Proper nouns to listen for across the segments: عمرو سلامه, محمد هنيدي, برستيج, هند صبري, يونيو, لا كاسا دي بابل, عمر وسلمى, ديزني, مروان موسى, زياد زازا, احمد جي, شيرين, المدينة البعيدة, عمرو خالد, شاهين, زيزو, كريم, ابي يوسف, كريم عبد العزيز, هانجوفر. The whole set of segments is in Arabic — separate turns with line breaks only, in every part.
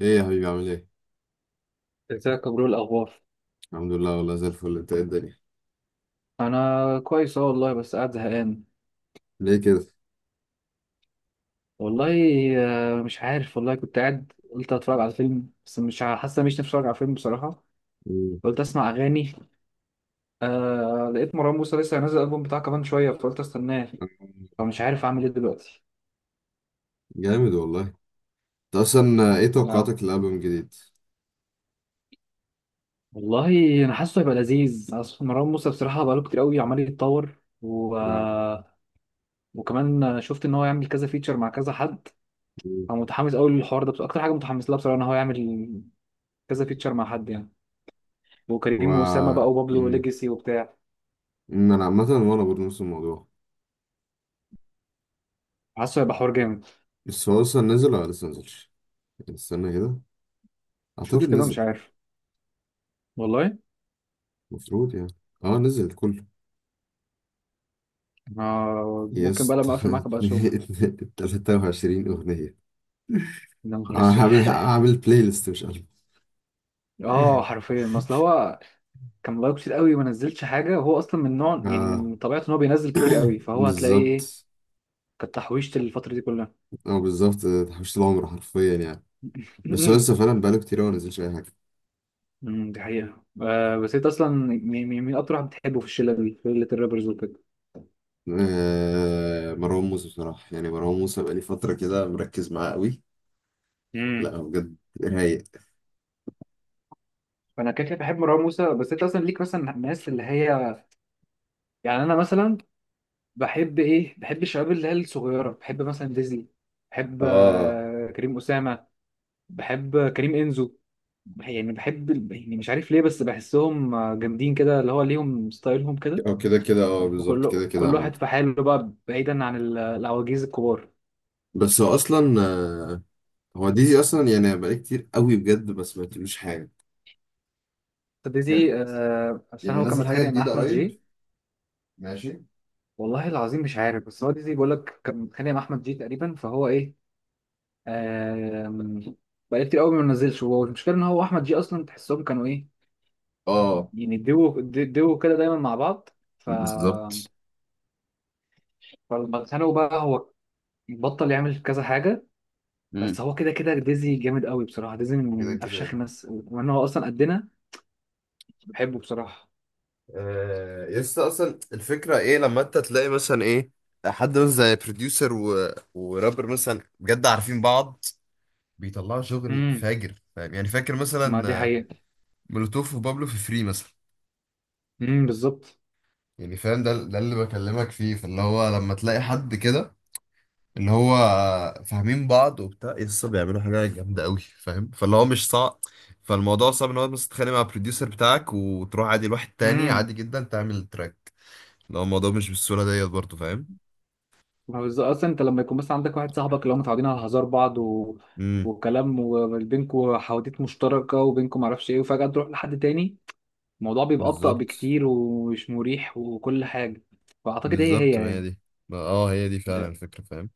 ايه يا حبيبي عامل ايه؟
ازيك يا برو، إيه الاخبار؟
الحمد لله، والله زي الفل. انت ايه الدنيا؟
انا كويس، اه والله، بس قاعد زهقان
ليه كده؟
والله. مش عارف والله، كنت قاعد قلت اتفرج على فيلم، بس مش حاسس إن مش نفسي اتفرج على فيلم بصراحه.
مم.
قلت اسمع اغاني. لقيت مروان موسى لسه هينزل الالبوم بتاعه كمان شويه، فقلت استناه. فمش عارف اعمل ايه دلوقتي.
جامد والله انت. اصلا ايه
آه.
توقعاتك للالبوم الجديد؟
والله انا حاسه هيبقى لذيذ، اصل مروان موسى بصراحه بقاله كتير قوي عمال يتطور و...
لا،
آه، وكمان شفت ان هو يعمل كذا فيتشر مع كذا حد.
مم.
فمتحمس قوي للحوار ده، بس اكتر حاجه متحمس لها بصراحه ان هو يعمل كذا فيتشر مع حد يعني.
و
وكريم وأسامة بقى وبابلو
مم.
وليجاسي وبتاع.
مم، انا عامة وانا برضه نفس الموضوع.
حاسه هيبقى حوار جامد.
بس هو اصلا نزل ولا لسه نزلش؟ استنى كده، اعتقد
شوف كده، مش
نزل،
عارف والله.
المفروض يعني. اه نزل كله.
ممكن
يس
بقى لما اقفل معاك ابقى اشوف.
23 اغنية.
يا نهار
آه،
اسود.
هعمل بلاي ليست مش ألبوم.
اه، حرفيا، ما اصل هو كان لايك كتير قوي وما نزلش حاجه، هو اصلا من نوع يعني،
اه.
من طبيعته ان هو بينزل كتير قوي، فهو هتلاقيه ايه.
بالظبط.
كانت تحويشه الفتره دي كلها.
اه بالظبط، تحويشة العمر حرفيا يعني. بس هو لسه فعلا بقاله كتير أوي ما نزلش أي حاجة.
دي حقيقه. بس انت اصلا مين اكتر واحد بتحبه في الشله دي، في شله الرابرز وكده؟
آه مروان موسى بصراحة، يعني مروان موسى بقالي فترة كده مركز معاه قوي.
امم
لا هو بجد رايق.
فانا كده كده بحب مروان موسى، بس انت اصلا ليك مثلا الناس اللي هي، يعني انا مثلا، بحب الشباب اللي هي الصغيره، بحب مثلا ديزني. بحب
اه
كريم اسامه. بحب كريم انزو. يعني بحب يعني مش عارف ليه، بس بحسهم جامدين كده، اللي هو ليهم ستايلهم كده.
أو كده كده، اه بالظبط
وكل
كده كده
كل
عامة.
واحد في حاله بقى، بعيدا عن العواجيز الكبار.
بس هو أصلا آه، هو ديزي أصلا يعني بقالي كتير قوي بجد ما سمعتلوش حاجة. بجد؟
ديزي، عشان
يعني
هو كان
نزل حاجة
متخانق مع
جديدة
احمد
قريب.
جي.
ماشي.
والله العظيم مش عارف، بس هو ديزي بيقول لك كان متخانق مع احمد جي تقريبا، فهو ايه، آه من- بقى كتير قوي ما نزلش. هو المشكله ان هو احمد جي اصلا تحسهم كانوا ايه،
اه
يعني دو كده دايما مع بعض. ف...
بالظبط.
فلما اتخانقوا بقى هو بطل يعمل كذا حاجة.
مم.
بس هو كده كده ديزي جامد قوي بصراحة، ديزي من
كده
من أفشخ
كده.
الناس، وكمان هو أصلا قدنا. بحبه بصراحة.
آه، يس اصلا الفكره ايه، لما انت تلاقي مثلا ايه، حد مثلا زي بروديوسر و... ورابر مثلا بجد عارفين بعض، بيطلعوا شغل
امم
فاجر. فاهم يعني؟ فاكر
ما
مثلا
دي
آه،
حقيقة.
مولوتوف وبابلو في فري مثلا.
بالظبط.
يعني فاهم، ده اللي بكلمك فيه. فاللي هو لما تلاقي حد كده اللي هو آه، فاهمين بعض وبتاع، يس بيعملوا حاجه جامده قوي فاهم. فاللي هو مش صعب، فالموضوع صعب ان هو بس تتخانق مع البروديوسر بتاعك وتروح عادي لواحد تاني
امم
عادي جدا تعمل التراك. لو الموضوع مش بالسهوله ديت برضه، فاهم.
ما هو بالظبط، أصلا أنت لما يكون مثلا عندك واحد صاحبك اللي هم متعودين على هزار بعض و... وكلام، وبينكوا حواديت مشتركة، وبينكوا معرفش إيه، وفجأة تروح لحد تاني، الموضوع بيبقى أبطأ
بالظبط.
بكتير ومش مريح وكل حاجة. فأعتقد هي هي
بالظبط ما هي
يعني.
دي، ما اه هي دي فعلا الفكرة فاهم.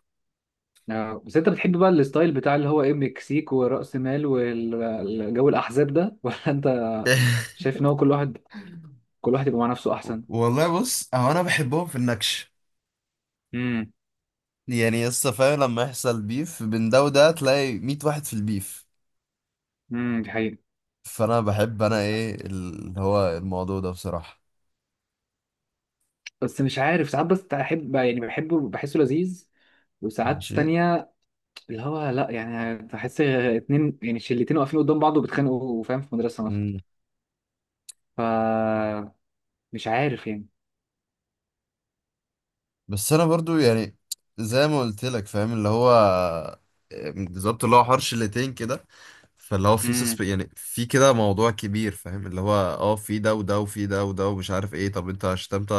بس انت بتحب بقى الستايل بتاع اللي هو ايه، مكسيك ورأس مال والجو الاحزاب ده، ولا انت شايف ان هو كل واحد يبقى مع نفسه احسن؟
والله بص، هو انا بحبهم في النكش،
امم
يعني لسه فاهم، لما يحصل بيف بين ده وده تلاقي 100 واحد في البيف.
دي حقيقة.
فانا بحب انا ايه اللي هو الموضوع ده بصراحة.
بس مش عارف، ساعات بس احب يعني، بحبه بحسه لذيذ، وساعات
ماشي.
تانية اللي هو لا يعني، بحس اتنين يعني شلتين واقفين قدام بعض وبيتخانقوا، فاهم، في مدرسة مثلا. ف مش عارف يعني.
بس انا برضو يعني زي ما قلت لك فاهم، اللي هو بالظبط اللي هو حوار شلتين كده. فاللي هو في سسب
امم
يعني، في كده موضوع كبير فاهم، اللي هو اه في ده وده وفي ده وده ومش عارف ايه. طب انت شتمت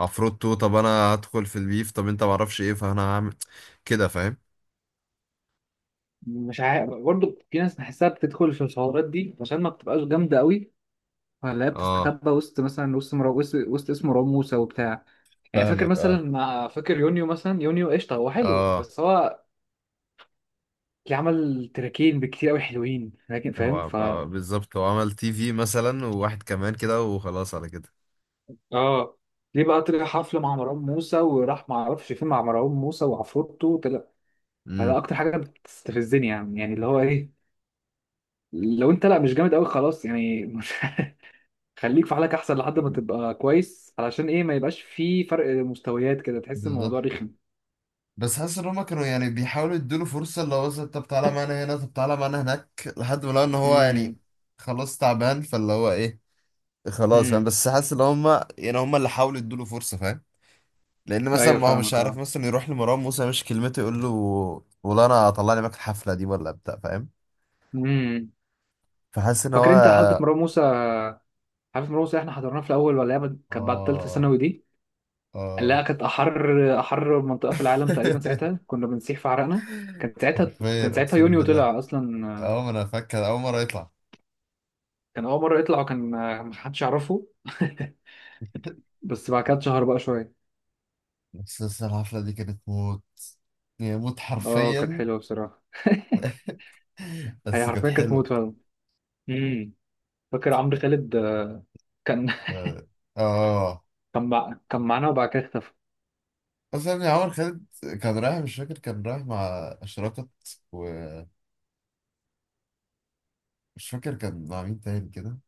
عفروتو، طب انا هدخل في البيف، طب انت معرفش ايه، فانا هعمل كده فاهم.
مش عارف، برضه في ناس بحسها بتدخل في الحوارات دي عشان ما بتبقاش جامدة قوي، ولا هي
اه
بتستخبى وسط مثلا، وسط اسمه مروان موسى وبتاع. يعني
فاهمك. اه
فاكر يونيو مثلا، يونيو قشطه هو حلو،
اه،
بس هو اللي عمل تراكين بكتير قوي حلوين، لكن
هو
فاهم،
عم-،
ف
آه بالظبط، هو عمل تي في مثلا وواحد كمان كده وخلاص على كده.
اه، ليه بقى طلع حفله مع مروان موسى وراح ما اعرفش فين مع مروان موسى وعفروتو طلع؟ فده
امم
اكتر حاجه بتستفزني يعني اللي هو ايه، لو انت لا مش جامد قوي خلاص يعني، مش خليك في حالك احسن لحد ما تبقى كويس، علشان ايه ما يبقاش في فرق مستويات كده تحس الموضوع
بالظبط.
رخم.
بس حاسس ان هما كانوا يعني بيحاولوا يدوله فرصه، اللي هو مثلا طب تعالى معانا هنا، طب تعالى معانا هناك، لحد ما لقوا ان هو يعني خلاص تعبان. فاللي هو ايه، خلاص فاهم،
امم
بس حاسس ان هما يعني، هما اللي حاولوا يدوله فرصه فاهم. لان مثلا
ايوه
ما هو مش
فاهمك،
عارف
اه.
مثلا يروح لمروان موسى مش كلمته يقول له والله انا طلعني معاك الحفله دي ولا بتاع فاهم.
امم
فحاسس ان هو
فاكر انت حفله مروان موسى؟ حفله مروان موسى احنا حضرناها في الاول، ولا هي كانت بعد ثالثه
اه
ثانوي دي؟ اللي
اه.
هي كانت احر احر منطقه في العالم تقريبا، ساعتها كنا بنسيح في عرقنا. كان ساعتها
حرفيا
كان ساعتها
اقسم
يونيو
بالله،
طلع اصلا،
اول ما انا فاكر اول مره يطلع.
كان اول مره يطلع، وكان محدش يعرفه. بس بعد كده اتشهر بقى شويه.
بس الحفله دي كانت موت، يعني موت
اه، كانت
حرفيا.
حلوه بصراحه. هي
بس كانت
حرفيا كانت موت
حلوة.
فعلا. امم فاكر عمرو خالد، كان
اه آه.
كان معانا وبعد كده اختفى.
بس يعني عمر خالد كان رايح، مش فاكر كان رايح مع أشرقت، ومش فاكر كان مع مين تاني كده.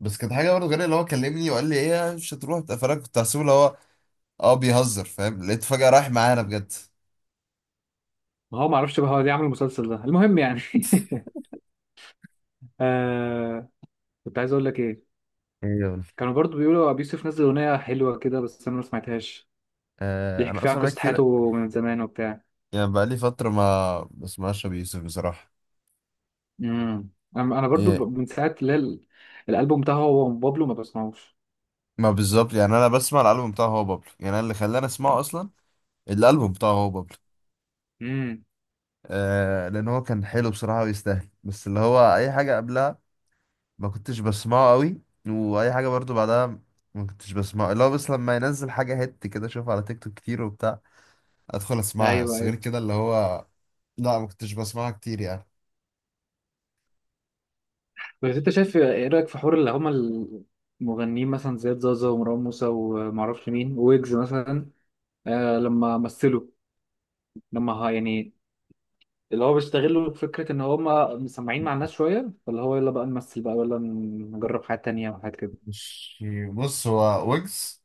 بس كانت حاجة برضه غريبة، اللي هو كلمني وقال لي ايه مش هتروح، فانا كنت هحسبه اللي هو اه بيهزر فاهم، لقيت فجأة رايح معانا بجد.
ما هو ما اعرفش بقى هو ليه عامل المسلسل ده، المهم يعني. آه كنت عايز اقول لك ايه،
ايوه.
كانوا برضو بيقولوا ابي يوسف نزل اغنيه حلوه كده، بس انا ما سمعتهاش،
آه
بيحكي
انا
فيها عن
اصلا بقى
قصه
كتير،
حياته من زمان وبتاع.
يعني بقى لي فترة ما بسمعش ابي يوسف بصراحة.
امم انا برضو
ايه
من ساعه اللي هي الالبوم بتاعه هو وبابلو ما بسمعوش.
ما بالظبط، يعني انا بسمع الالبوم بتاعه هو بابلو، يعني أنا اللي خلاني اسمعه اصلا الالبوم بتاعه هو بابلو.
امم
آه لان هو كان حلو بصراحه ويستاهل، بس اللي هو اي حاجه قبلها ما كنتش بسمعه قوي، واي حاجه برضو بعدها ما كنتش بسمعه. اللي هو بس لما ينزل حاجه هيت كده، اشوفها على تيك توك كتير وبتاع، ادخل اسمعها،
ايوه،
بس غير
ايوه.
كده اللي هو لا ما كنتش بسمعها كتير يعني.
بس انت شايف ايه رايك في حوار اللي هما المغنيين مثلا، زياد زازا ومروان موسى ومعرفش مين ويجز مثلا، لما مثلوا، لما يعني اللي هو بيستغلوا فكرة إن هما مسمعين مع الناس شوية، فاللي هو يلا بقى نمثل بقى ولا نجرب حاجات تانية وحاجات كده.
مش بص، هو ويجز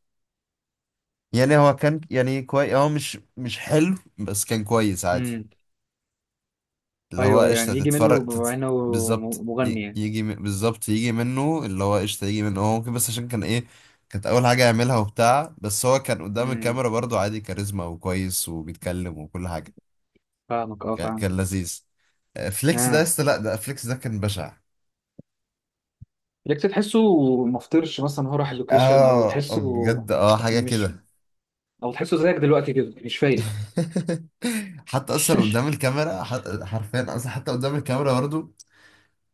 يعني، هو كان يعني كويس، هو مش حلو بس كان كويس عادي.
امم
اللي
أيوه،
هو
أيوة،
قشطة
يعني يجي
تتفرج
منه بما
تت...
إنه
بالظبط ي-
مغني يعني.
يجي م- بالظبط يجي منه اللي هو قشطة يجي منه هو ممكن، بس عشان كان ايه كانت أول حاجة يعملها وبتاع، بس هو كان قدام
امم
الكاميرا برضه عادي كاريزما وكويس وبيتكلم وكل حاجة.
فاهمك، أه،
كان،
فاهم.
كان لذيذ. آه، فليكس ده
آه
لسه لأ، ده فليكس ده كان بشع.
ليك تحسه مفطرش مثلا هو راح اللوكيشن، أو
اه آه،
تحسه
بجد اه، حاجة
مش،
كده.
أو تحسه زيك دلوقتي كده مش فايق؟
حتى أصلا قدام الكاميرا ح- حرفيا، أصلا حتى قدام الكاميرا برضه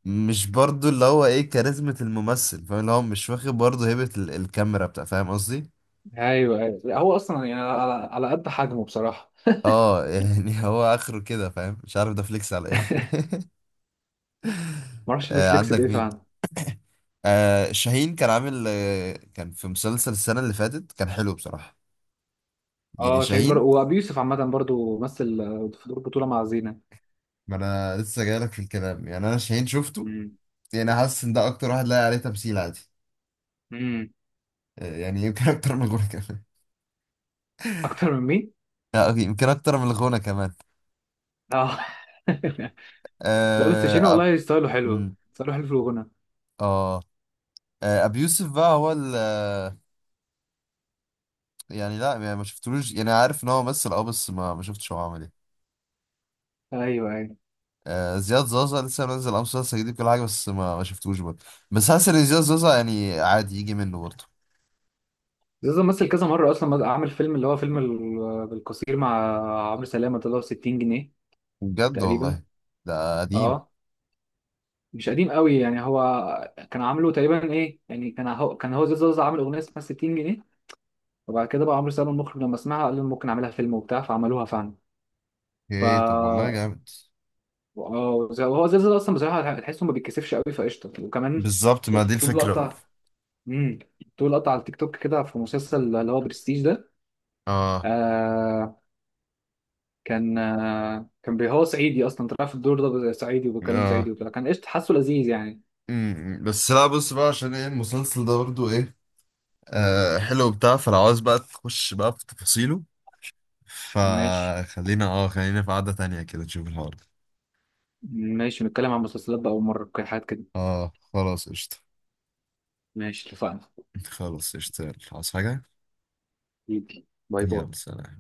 مش برضو اللي هو ايه كاريزمة الممثل فاهم، اللي هو مش واخد برضو هيبة ال- الكاميرا بتاع فاهم قصدي.
أيوه، أيوه. لا، هو أصلا يعني على قد حجمه بصراحة.
اه يعني هو اخره كده فاهم، مش عارف ده فليكس على ايه.
معرفش
آه
بيفليكس
عندك
بإيه
مين؟
فعلا.
آه شاهين كان عامل آه، كان في مسلسل السنة اللي فاتت، كان حلو بصراحة، يعني
أه،
شاهين.
وأبي يوسف عامة برضه مثل في دور بطولة مع زينة.
ما انا لسه جايلك في الكلام، يعني انا شاهين شفته، يعني حاسس ان ده اكتر واحد لاقي عليه تمثيل عادي.
امم
آه يعني يمكن اكتر من الغنى كمان.
اكتر من مين؟
آه، أوكي، يمكن اكتر من الغنى كمان.
اه. لا، بس شيرين
اه أب-
والله ستايله حلو،
مم،
ستايله حلو في الغنى.
آه. آه، ابي يوسف بقى هو ال آه، يعني لا يعني ما شفتلوش، يعني عارف ان هو ممثل اه، بس ما شفتش هو عامل ايه.
ايوه، ايوه.
آه، زياد زازا لسه منزل امس مسلسل جديد كل حاجه، بس ما شفتوش برضه. بس حاسس ان زياد زازا يعني عادي يجي منه برضه.
زيزو مثل كذا مره اصلا، عامل فيلم اللي هو فيلم بالقصير مع عمرو سلامه، طلع 60 جنيه
بجد؟
تقريبا.
والله؟ ده قديم.
اه، مش قديم قوي يعني، هو كان عامله تقريبا ايه يعني، كان هو زيزو عامل اغنيه اسمها 60 جنيه، وبعد كده بقى عمرو سلامه المخرج لما سمعها قال له ممكن اعملها فيلم وبتاع، فعملوها فعلا. ف
ايه طب، والله
اه،
جامد.
هو زيزو اصلا بصراحه تحسه ما بيتكسفش قوي، فقشطه. وكمان
بالظبط
في
ما دي الفكره بقى.
لقطه، امم طول قطع على التيك توك كده في مسلسل اللي هو برستيج ده،
اه
آه هو صعيدي اصلا طلع في الدور ده، صعيدي وبيتكلم صعيدي
اه.
وكده، كان قشطه، حاسه لذيذ يعني.
أمم، بس لا بص بقى، عشان ايه المسلسل ده برضه ايه آه حلو بتاع، فلو عاوز بقى تخش بقى في تفاصيله،
ماشي،
فخلينا اه خلينا في قعدة تانية كده تشوف الحوار.
ماشي. نتكلم عن مسلسلات بقى ومره حاجات كده.
اه خلاص قشطة.
ماشي، اتفقنا.
خلاص قشطة، يلا، عايز حاجة؟
حبيبي. باي باي.
يلا سلام.